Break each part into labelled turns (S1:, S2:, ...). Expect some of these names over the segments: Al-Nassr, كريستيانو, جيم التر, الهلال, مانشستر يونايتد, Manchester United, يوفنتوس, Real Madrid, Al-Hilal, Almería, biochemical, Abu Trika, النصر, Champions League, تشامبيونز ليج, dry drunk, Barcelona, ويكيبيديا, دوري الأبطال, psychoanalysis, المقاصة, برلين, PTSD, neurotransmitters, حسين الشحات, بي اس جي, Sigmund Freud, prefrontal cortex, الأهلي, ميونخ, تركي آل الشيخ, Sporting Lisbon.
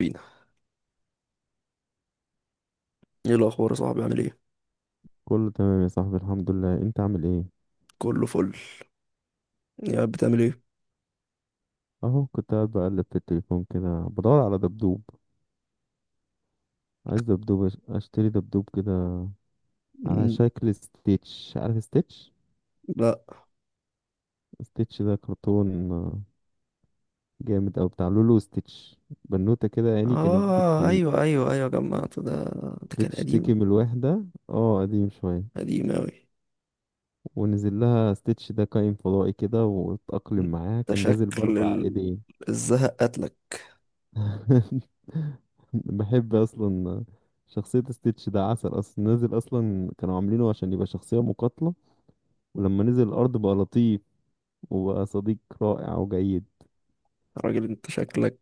S1: بينا، ايه الاخبار يا صاحبي؟ عامل ايه؟
S2: كله تمام يا صاحبي، الحمد لله. انت عامل ايه؟
S1: كله فل. يا بتعمل ايه؟
S2: اهو كنت قاعد بقلب في التليفون كده بدور على دبدوب. عايز دبدوب، اشتري دبدوب كده على
S1: مم،
S2: شكل ستيتش. عارف ستيتش؟
S1: لا.
S2: ستيتش ده كرتون، جامد. او بتاع لولو. ستيتش بنوتة كده، يعني كانت
S1: اه ايوه ايوه ايوه جمعت ده. ده كان
S2: بتشتكي
S1: قديم.
S2: من الوحدة. اه قديم شوية.
S1: قديم اوي.
S2: ونزل لها ستيتش ده كائن فضائي كده واتأقلم معاها.
S1: ده
S2: كان نازل
S1: شكل
S2: بأربع ايدين.
S1: الزهق قتلك.
S2: بحب اصلا شخصية ستيتش، ده عسل اصلا. نزل اصلا كانوا عاملينه عشان يبقى شخصية مقاتلة، ولما نزل الارض بقى لطيف وبقى صديق رائع وجيد.
S1: يا راجل انت شكلك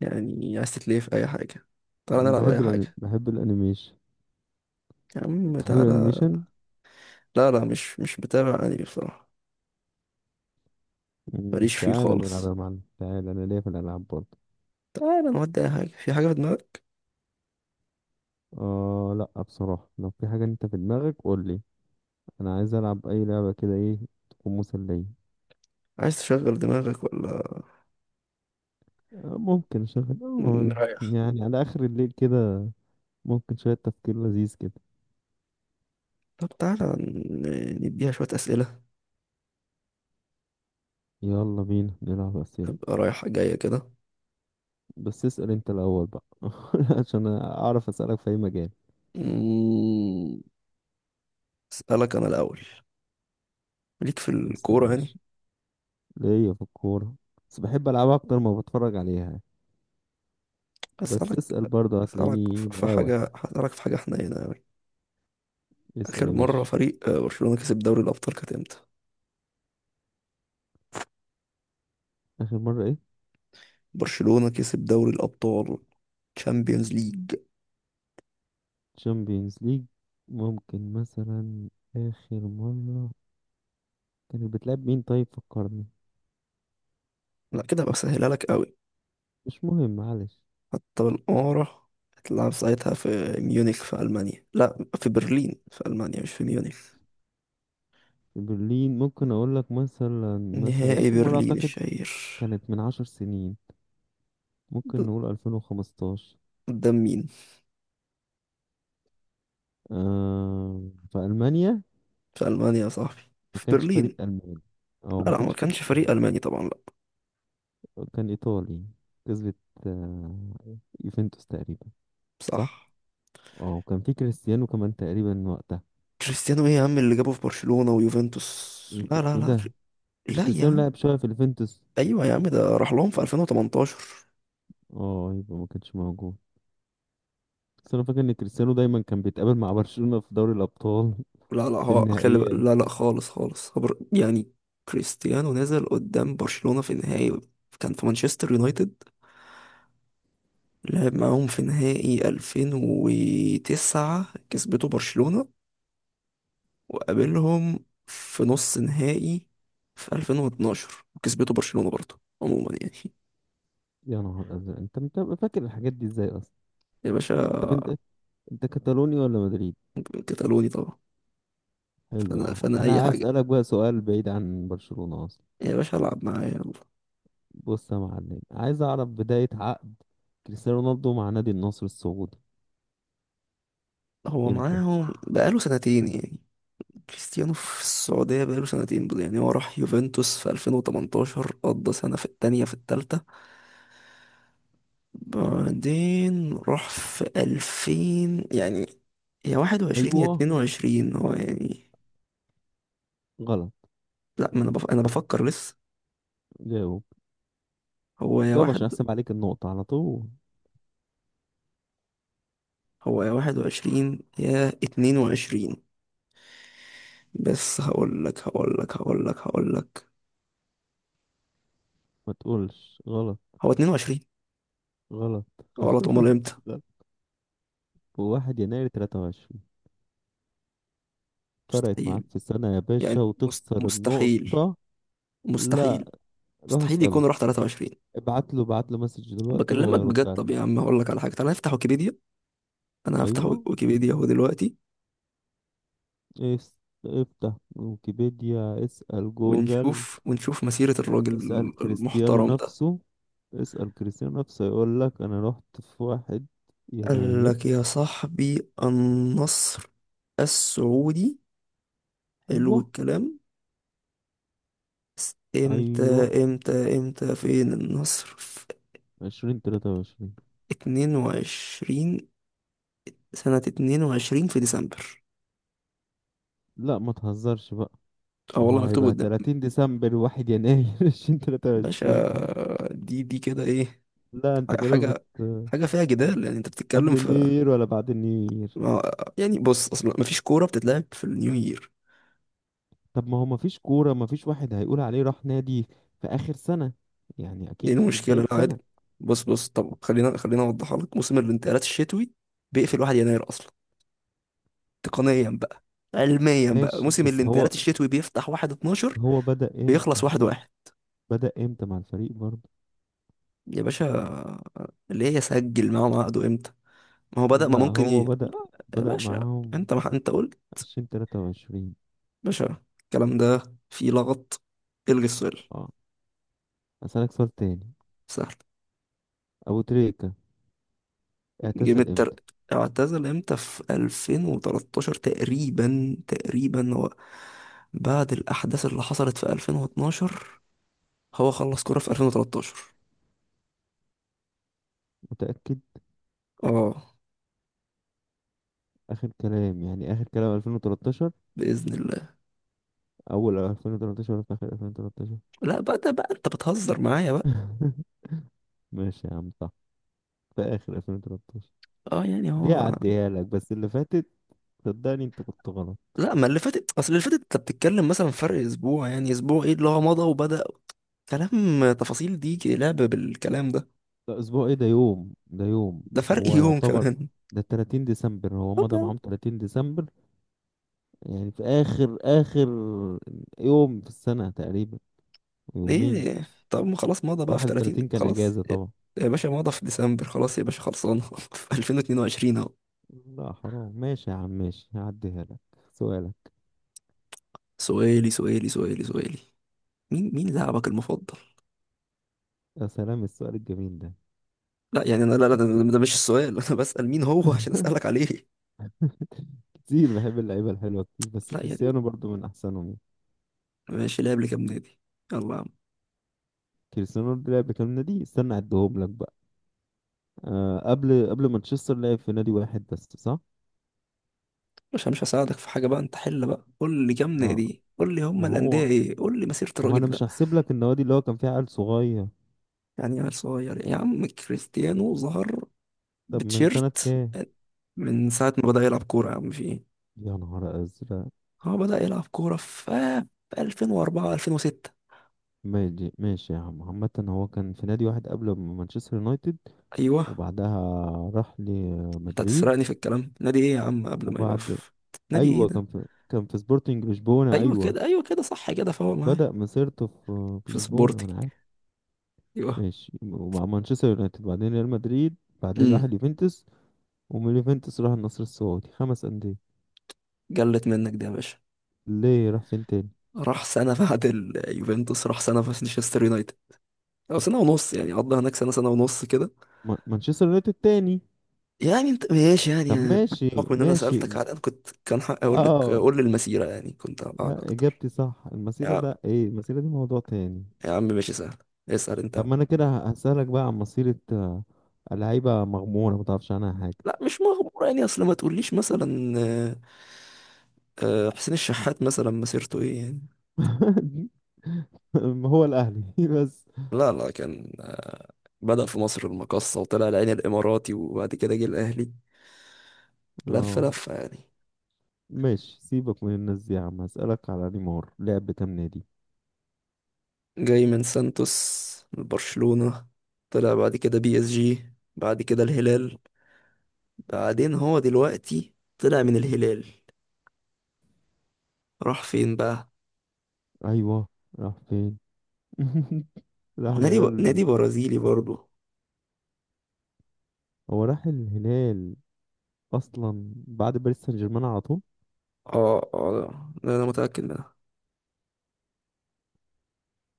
S1: يعني عايز تتلهي في اي حاجه. تعالى نلعب اي
S2: بحب الانمي،
S1: حاجه.
S2: بحب الانيميشن.
S1: يا عم
S2: بتحب
S1: تعالى.
S2: الانيميشن؟
S1: لا، لا، مش بتابع انمي بصراحه.
S2: مم،
S1: ماليش فيه
S2: تعال نلعب
S1: خالص.
S2: يا معلم. تعال، انا ليا في الالعاب برضه.
S1: تعالى نودي اي حاجه، في حاجه في دماغك؟
S2: اه لا، بصراحة لو في حاجة انت في دماغك قول لي. انا عايز العب اي لعبة كده، ايه تكون مسلية.
S1: عايز تشغل دماغك ولا
S2: ممكن اشغل،
S1: نريح؟
S2: يعني على اخر الليل كده، ممكن شوية تفكير لذيذ كده.
S1: طب تعالى نديها شوية أسئلة،
S2: يلا بينا نلعب أسئلة.
S1: تبقى رايحة جاية كده.
S2: بس اسأل أنت الأول بقى عشان أعرف أسألك في أي مجال.
S1: مم، أسألك أنا الأول، ليك في
S2: اسأل
S1: الكورة يعني؟
S2: ماشي. ليا في الكورة، بس بحب ألعبها أكتر ما بتفرج عليها. بس
S1: أسألك
S2: اسأل برضه
S1: أسألك
S2: هتلاقيني
S1: في
S2: مقاوح.
S1: حاجة، هسألك في حاجة حنينة أوي.
S2: اسأل
S1: آخر
S2: يا
S1: مرة
S2: باشا.
S1: فريق برشلونة كسب دوري الأبطال كانت إمتى؟
S2: آخر مرة إيه؟
S1: برشلونة كسب دوري الأبطال. تشامبيونز ليج.
S2: تشامبيونز ليج. ممكن مثلا. آخر مرة كانت بتلعب مين؟ طيب فكرني.
S1: لا كده هبقى بسهلها لك أوي.
S2: مش مهم، معلش.
S1: حتى بالقارة. هتلعب ساعتها في ميونخ، في ألمانيا، لا، في برلين، في ألمانيا، مش في ميونخ.
S2: في برلين، ممكن أقول لك مثلا. مثلا
S1: نهائي
S2: آخر مرة
S1: برلين
S2: أعتقد
S1: الشهير.
S2: كانت من عشر سنين.
S1: ب-
S2: ممكن نقول 2015.
S1: قدام مين؟
S2: آه، في ألمانيا.
S1: في ألمانيا يا صاحبي،
S2: ما
S1: في
S2: كانش فريق
S1: برلين.
S2: ألماني، أو
S1: لا،
S2: ما
S1: لا، ما
S2: كانش فريق
S1: كانش فريق
S2: ألماني.
S1: ألماني طبعا، لا.
S2: كان إيطالي، كسبت، آه، يوفنتوس تقريبا. صح؟
S1: صح.
S2: اه، وكان في كريستيانو كمان تقريبا وقتها.
S1: كريستيانو ايه يا عم اللي جابه في برشلونة ويوفنتوس؟
S2: ايه
S1: لا، لا،
S2: إيه ده. مش
S1: لا يا
S2: كريستيانو
S1: عم.
S2: لعب شوية في اليوفنتوس؟
S1: ايوه يا عم، ده راح لهم في 2018.
S2: اه، يبقى ما كانش موجود. بس انا فاكر ان كريستيانو دايما كان بيتقابل مع برشلونة في دوري الابطال،
S1: لا لا
S2: في
S1: هو أكل-
S2: النهائيات.
S1: لا، لا، خالص خالص خبر يعني. كريستيانو نزل قدام برشلونة في نهائي، كان في مانشستر يونايتد، لعب معاهم في نهائي 2009 كسبته برشلونة. وقابلهم في نص نهائي في 2012 وكسبته برشلونة برضه، عموما يعني.
S2: يا نهار ازرق، انت بتبقى فاكر الحاجات دي ازاي اصلا؟
S1: يا
S2: طب
S1: باشا.
S2: انت، انت كتالوني ولا مدريد؟
S1: كتالوني طبعا.
S2: حلو،
S1: فانا،
S2: اهو
S1: اي
S2: انا
S1: حاجة
S2: هسألك بقى سؤال بعيد عن برشلونة اصلا.
S1: يا باشا، العب معايا يلا.
S2: بص يا معلم، عايز اعرف بداية عقد كريستيانو رونالدو مع نادي النصر السعودي
S1: هو
S2: امتى.
S1: معاهم بقاله سنتين يعني. كريستيانو في السعودية بقاله سنتين، يعني هو راح يوفنتوس في 2018، قضى سنة، في التانية، في التالتة. بعدين راح في 2000 يعني، يا 21 يا
S2: ايوه،
S1: 22 هو يعني.
S2: غلط.
S1: لا، ما انا انا بفكر لسه.
S2: جاوب،
S1: هو يا
S2: جاوب عشان
S1: واحد
S2: احسب عليك النقطة على طول.
S1: هو يا واحد وعشرين يا اتنين وعشرين. بس هقول لك.
S2: ما تقولش غلط.
S1: هو اتنين وعشرين.
S2: غلط؟
S1: غلط؟ امال امتى؟
S2: غلط. واحد يناير 23. فرقت
S1: مستحيل
S2: معاك في السنة يا
S1: يعني.
S2: باشا وتخسر
S1: مستحيل،
S2: النقطة.
S1: مستحيل،
S2: لا، روح
S1: مستحيل
S2: اسأله.
S1: يكون راح 23.
S2: ابعت له، ابعت له مسج دلوقتي
S1: بكلمك
S2: وهيرد
S1: بجد.
S2: عليك.
S1: طب يا عم هقول لك على حاجه، تعالى نفتح ويكيبيديا. انا هفتح
S2: ايوه،
S1: ويكيبيديا اهو دلوقتي.
S2: اس- افتح ويكيبيديا، اسأل جوجل.
S1: ونشوف مسيره الراجل
S2: اسأل كريستيانو
S1: المحترم ده.
S2: نفسه. اسأل كريستيانو نفسه يقول لك انا رحت في واحد
S1: قال
S2: يناير.
S1: لك يا صاحبي، النصر السعودي. حلو
S2: ايوه،
S1: الكلام. امتى،
S2: ايوه،
S1: امتى، امتى؟ فين النصر؟ في
S2: عشرين تلاتة وعشرين.
S1: 22، سنة 22 في ديسمبر.
S2: لا ما تهزرش بقى.
S1: اه
S2: ما
S1: والله
S2: هو
S1: مكتوب
S2: هيبقى
S1: قدام.
S2: تلاتين ديسمبر واحد يناير، عشرين تلاتة
S1: باشا،
S2: وعشرين.
S1: دي كده ايه؟
S2: لا انت كده بت.
S1: حاجة حاجة فيها جدال يعني. انت بتتكلم
S2: قبل النيو
S1: في
S2: يير ولا بعد النيو يير؟
S1: ما- يعني بص، اصلا مفيش كورة بتتلعب في النيو يير.
S2: طب ما هو ما فيش كورة. ما فيش واحد هيقول عليه راح نادي في آخر سنة، يعني
S1: دي
S2: اكيد في
S1: المشكلة،
S2: بداية
S1: لا عادي.
S2: سنة.
S1: بص، بص، طب خلينا، خلينا اوضحها لك. موسم الانتقالات الشتوي بيقفل 1 يناير اصلا. تقنيا بقى، علميا بقى
S2: ماشي،
S1: موسم
S2: بس هو
S1: الانتقالات الشتوي بيفتح 1
S2: بس
S1: 12،
S2: هو بدأ امتى.
S1: بيخلص 1 1.
S2: بدأ امتى مع الفريق برضه.
S1: يا باشا، ليه يسجل معاهم عقده امتى؟ ما هو بدأ،
S2: لا،
S1: ما ممكن ي...
S2: هو بدأ،
S1: لا. يا
S2: بدأ
S1: باشا
S2: معاهم
S1: انت، ما انت قلت.
S2: عشرين تلاتة وعشرين.
S1: باشا، الكلام ده فيه لغط. الغي السؤال.
S2: اه، أسألك سؤال تاني.
S1: سهل.
S2: أبو تريكة
S1: جيم
S2: اعتزل
S1: التر،
S2: امتى؟
S1: اعتزل امتى؟ في 2013 تقريبا، تقريبا هو بعد الأحداث اللي حصلت في 2012، هو خلص كورة في 2013.
S2: متأكد؟
S1: اه،
S2: آخر كلام يعني، آخر كلام ألفين وتلاتاشر؟
S1: بإذن الله.
S2: أول ألفين وتلاتاشر ولا في آخر ألفين وتلاتاشر؟
S1: لا بقى، ده بقى انت بتهزر معايا بقى.
S2: ماشي يا عم، صح، في آخر ألفين وتلاتاشر.
S1: اه، يعني
S2: دي
S1: هو.
S2: هعديها لك، بس اللي فاتت صدقني أنت كنت غلط.
S1: لا، ما اللي فاتت، اصل اللي فاتت انت بتتكلم مثلا فرق اسبوع يعني. اسبوع ايه اللي هو مضى وبدأ؟ كلام تفاصيل دي، لعب بالكلام ده.
S2: ده أسبوع إيه؟ ده يوم، ده يوم.
S1: ده فرق
S2: هو
S1: يوم
S2: يعتبر
S1: كمان.
S2: ده 30 ديسمبر. هو
S1: طب
S2: مضى معاهم 30 ديسمبر، يعني في آخر آخر يوم في السنة تقريبا.
S1: يا
S2: يومين.
S1: ايه، طب ما خلاص مضى بقى في 30،
S2: 31 كان
S1: خلاص.
S2: اجازه طبعا.
S1: يا باشا مضى في ديسمبر، خلاص يا باشا، خلصانه في 2022 اهو.
S2: لا حرام، ماشي يا عم، ماشي هعديها لك. سؤالك.
S1: سؤالي، مين لاعبك المفضل؟
S2: يا سلام السؤال الجميل ده.
S1: لا يعني انا، لا، لا، ده مش السؤال. انا بسأل مين هو عشان اسألك عليه.
S2: كتير بحب اللعيبة الحلوة كتير، بس
S1: لا يعني،
S2: كريستيانو برضو من أحسنهم يعني.
S1: ماشي، لعب لكام نادي؟ يلا يا عم.
S2: كريستيانو برضو لعب كام نادي؟ استنى أعدهم لك بقى. آه، قبل مانشستر لعب في نادي واحد بس صح.
S1: مش هساعدك في حاجة بقى، انت حل بقى، قول لي كام
S2: ما
S1: نادي، قول لي هم
S2: ما
S1: الأندية
S2: هو
S1: ايه، قول لي مسيرة
S2: ما هو أنا
S1: الراجل
S2: مش
S1: ده.
S2: هحسب لك النوادي اللي هو كان فيها عيل صغير.
S1: يعني عيل صغير يا عم؟ كريستيانو ظهر
S2: طب من سنة
S1: بتشيرت
S2: كام؟
S1: من ساعة ما بدأ يلعب كورة يا عم. في ايه؟
S2: يا نهار أزرق.
S1: هو بدأ يلعب كورة في 2004 2006.
S2: ماشي ماشي يا عم، عامة هو كان في نادي واحد قبل مانشستر يونايتد
S1: ايوه.
S2: وبعدها راح
S1: انت
S2: لمدريد.
S1: هتسرقني في الكلام، نادي ايه يا عم قبل ما يبقى
S2: وبعد،
S1: في؟ نادي ايه
S2: ايوه،
S1: ده؟
S2: كان في سبورتنج لشبونه.
S1: ايوه
S2: ايوه
S1: كده، ايوه كده، صح كده، فهو معايا.
S2: بدأ مسيرته في
S1: في
S2: لشبونه،
S1: سبورتنج.
S2: وانا عارف.
S1: ايوه.
S2: ماشي، ومع مانشستر يونايتد بعدين ريال مدريد بعدين راح
S1: امم
S2: اليوفنتوس. ومن اليوفنتوس راح النصر السعودي. خمس أندية.
S1: جلت منك دي يا باشا.
S2: ليه، راح فين تاني؟
S1: راح سنة بعد اليوفنتوس، راح سنة في مانشستر يونايتد، او سنه ونص يعني، قضى هناك سنه ونص كده.
S2: مانشستر يونايتد تاني.
S1: يعني انت ماشي يعني
S2: طب ماشي،
S1: بحكم ان انا
S2: ماشي.
S1: سالتك على الان، كنت كان حق اقول لك
S2: اه
S1: قول لي المسيره، يعني كنت اوقعك
S2: لا،
S1: اكتر.
S2: اجابتي صح.
S1: يا
S2: المسيرة
S1: عم
S2: ده ايه؟ المسيرة دي موضوع تاني.
S1: يا عم ماشي، سهل. اسال انت يا
S2: طب ما
S1: عم.
S2: انا كده هسألك بقى عن مسيرة، لعيبة مغمورة ما تعرفش عنها حاجة.
S1: لا مش مغمور يعني، اصل ما تقوليش مثلا حسين الشحات مثلا مسيرته ايه يعني.
S2: هو الأهلي بس.
S1: لا، لا، كان بدأ في مصر المقاصة، وطلع العين الإماراتي، وبعد كده جه الأهلي. لف
S2: اه
S1: لفة يعني.
S2: ماشي، سيبك من الناس دي يا عم. هسألك على نيمار، لعب كام نادي؟
S1: جاي من سانتوس لبرشلونة، طلع بعد كده بي اس جي، بعد كده الهلال، بعدين هو دلوقتي طلع من الهلال، راح فين بقى؟
S2: ايوه، راح فين؟ راح
S1: هو نادي
S2: الهلال.
S1: نادي برازيلي برضو.
S2: هو راح الهلال اصلا بعد باريس سان جيرمان على طول.
S1: اه، اه، ده انا متأكد منها.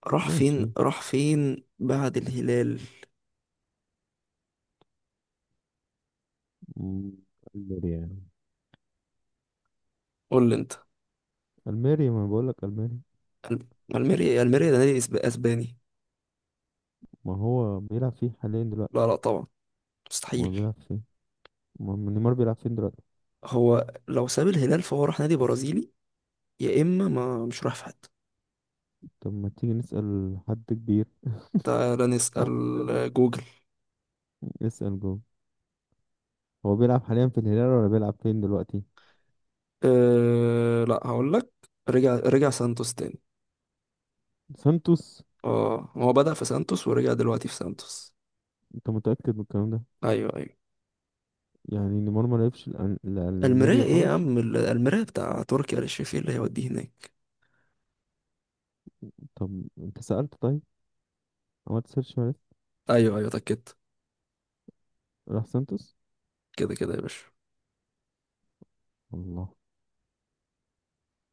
S1: راح فين،
S2: ماشي،
S1: راح فين بعد الهلال؟
S2: م، الميريا يعني.
S1: قول لي انت.
S2: الميريا، ما بقول لك الميريا.
S1: الم- الميريا، الميريا ده نادي اسباني.
S2: ما هو بيلعب فيه حاليا دلوقتي.
S1: لا، لا طبعا.
S2: ما هو
S1: مستحيل.
S2: بيلعب فيه. ما نيمار بيلعب فين دلوقتي؟
S1: هو لو ساب الهلال فهو راح نادي برازيلي، يا اما ما مش راح في حته.
S2: طب ما تيجي نسأل حد كبير.
S1: تعال نسأل جوجل.
S2: نسأل جوه. هو بيلعب حاليا في الهلال ولا بيلعب فين دلوقتي؟
S1: أه لا، هقول لك، رجع، رجع سانتوس تاني.
S2: سانتوس؟
S1: اه هو بدأ في سانتوس ورجع دلوقتي في سانتوس.
S2: انت متأكد من الكلام ده؟
S1: ايوه، ايوه.
S2: يعني نيمار ما لعبش
S1: المرايه
S2: الألميريا
S1: ايه يا
S2: خالص؟
S1: عم، المرايه بتاع تركي آل الشيخ، إيه اللي هيوديه هناك؟
S2: طب انت سألت طيب، عملت سيرش عرفت.
S1: ايوه، ايوه، اتاكدت.
S2: راح سانتوس.
S1: كده كده يا باشا.
S2: الله.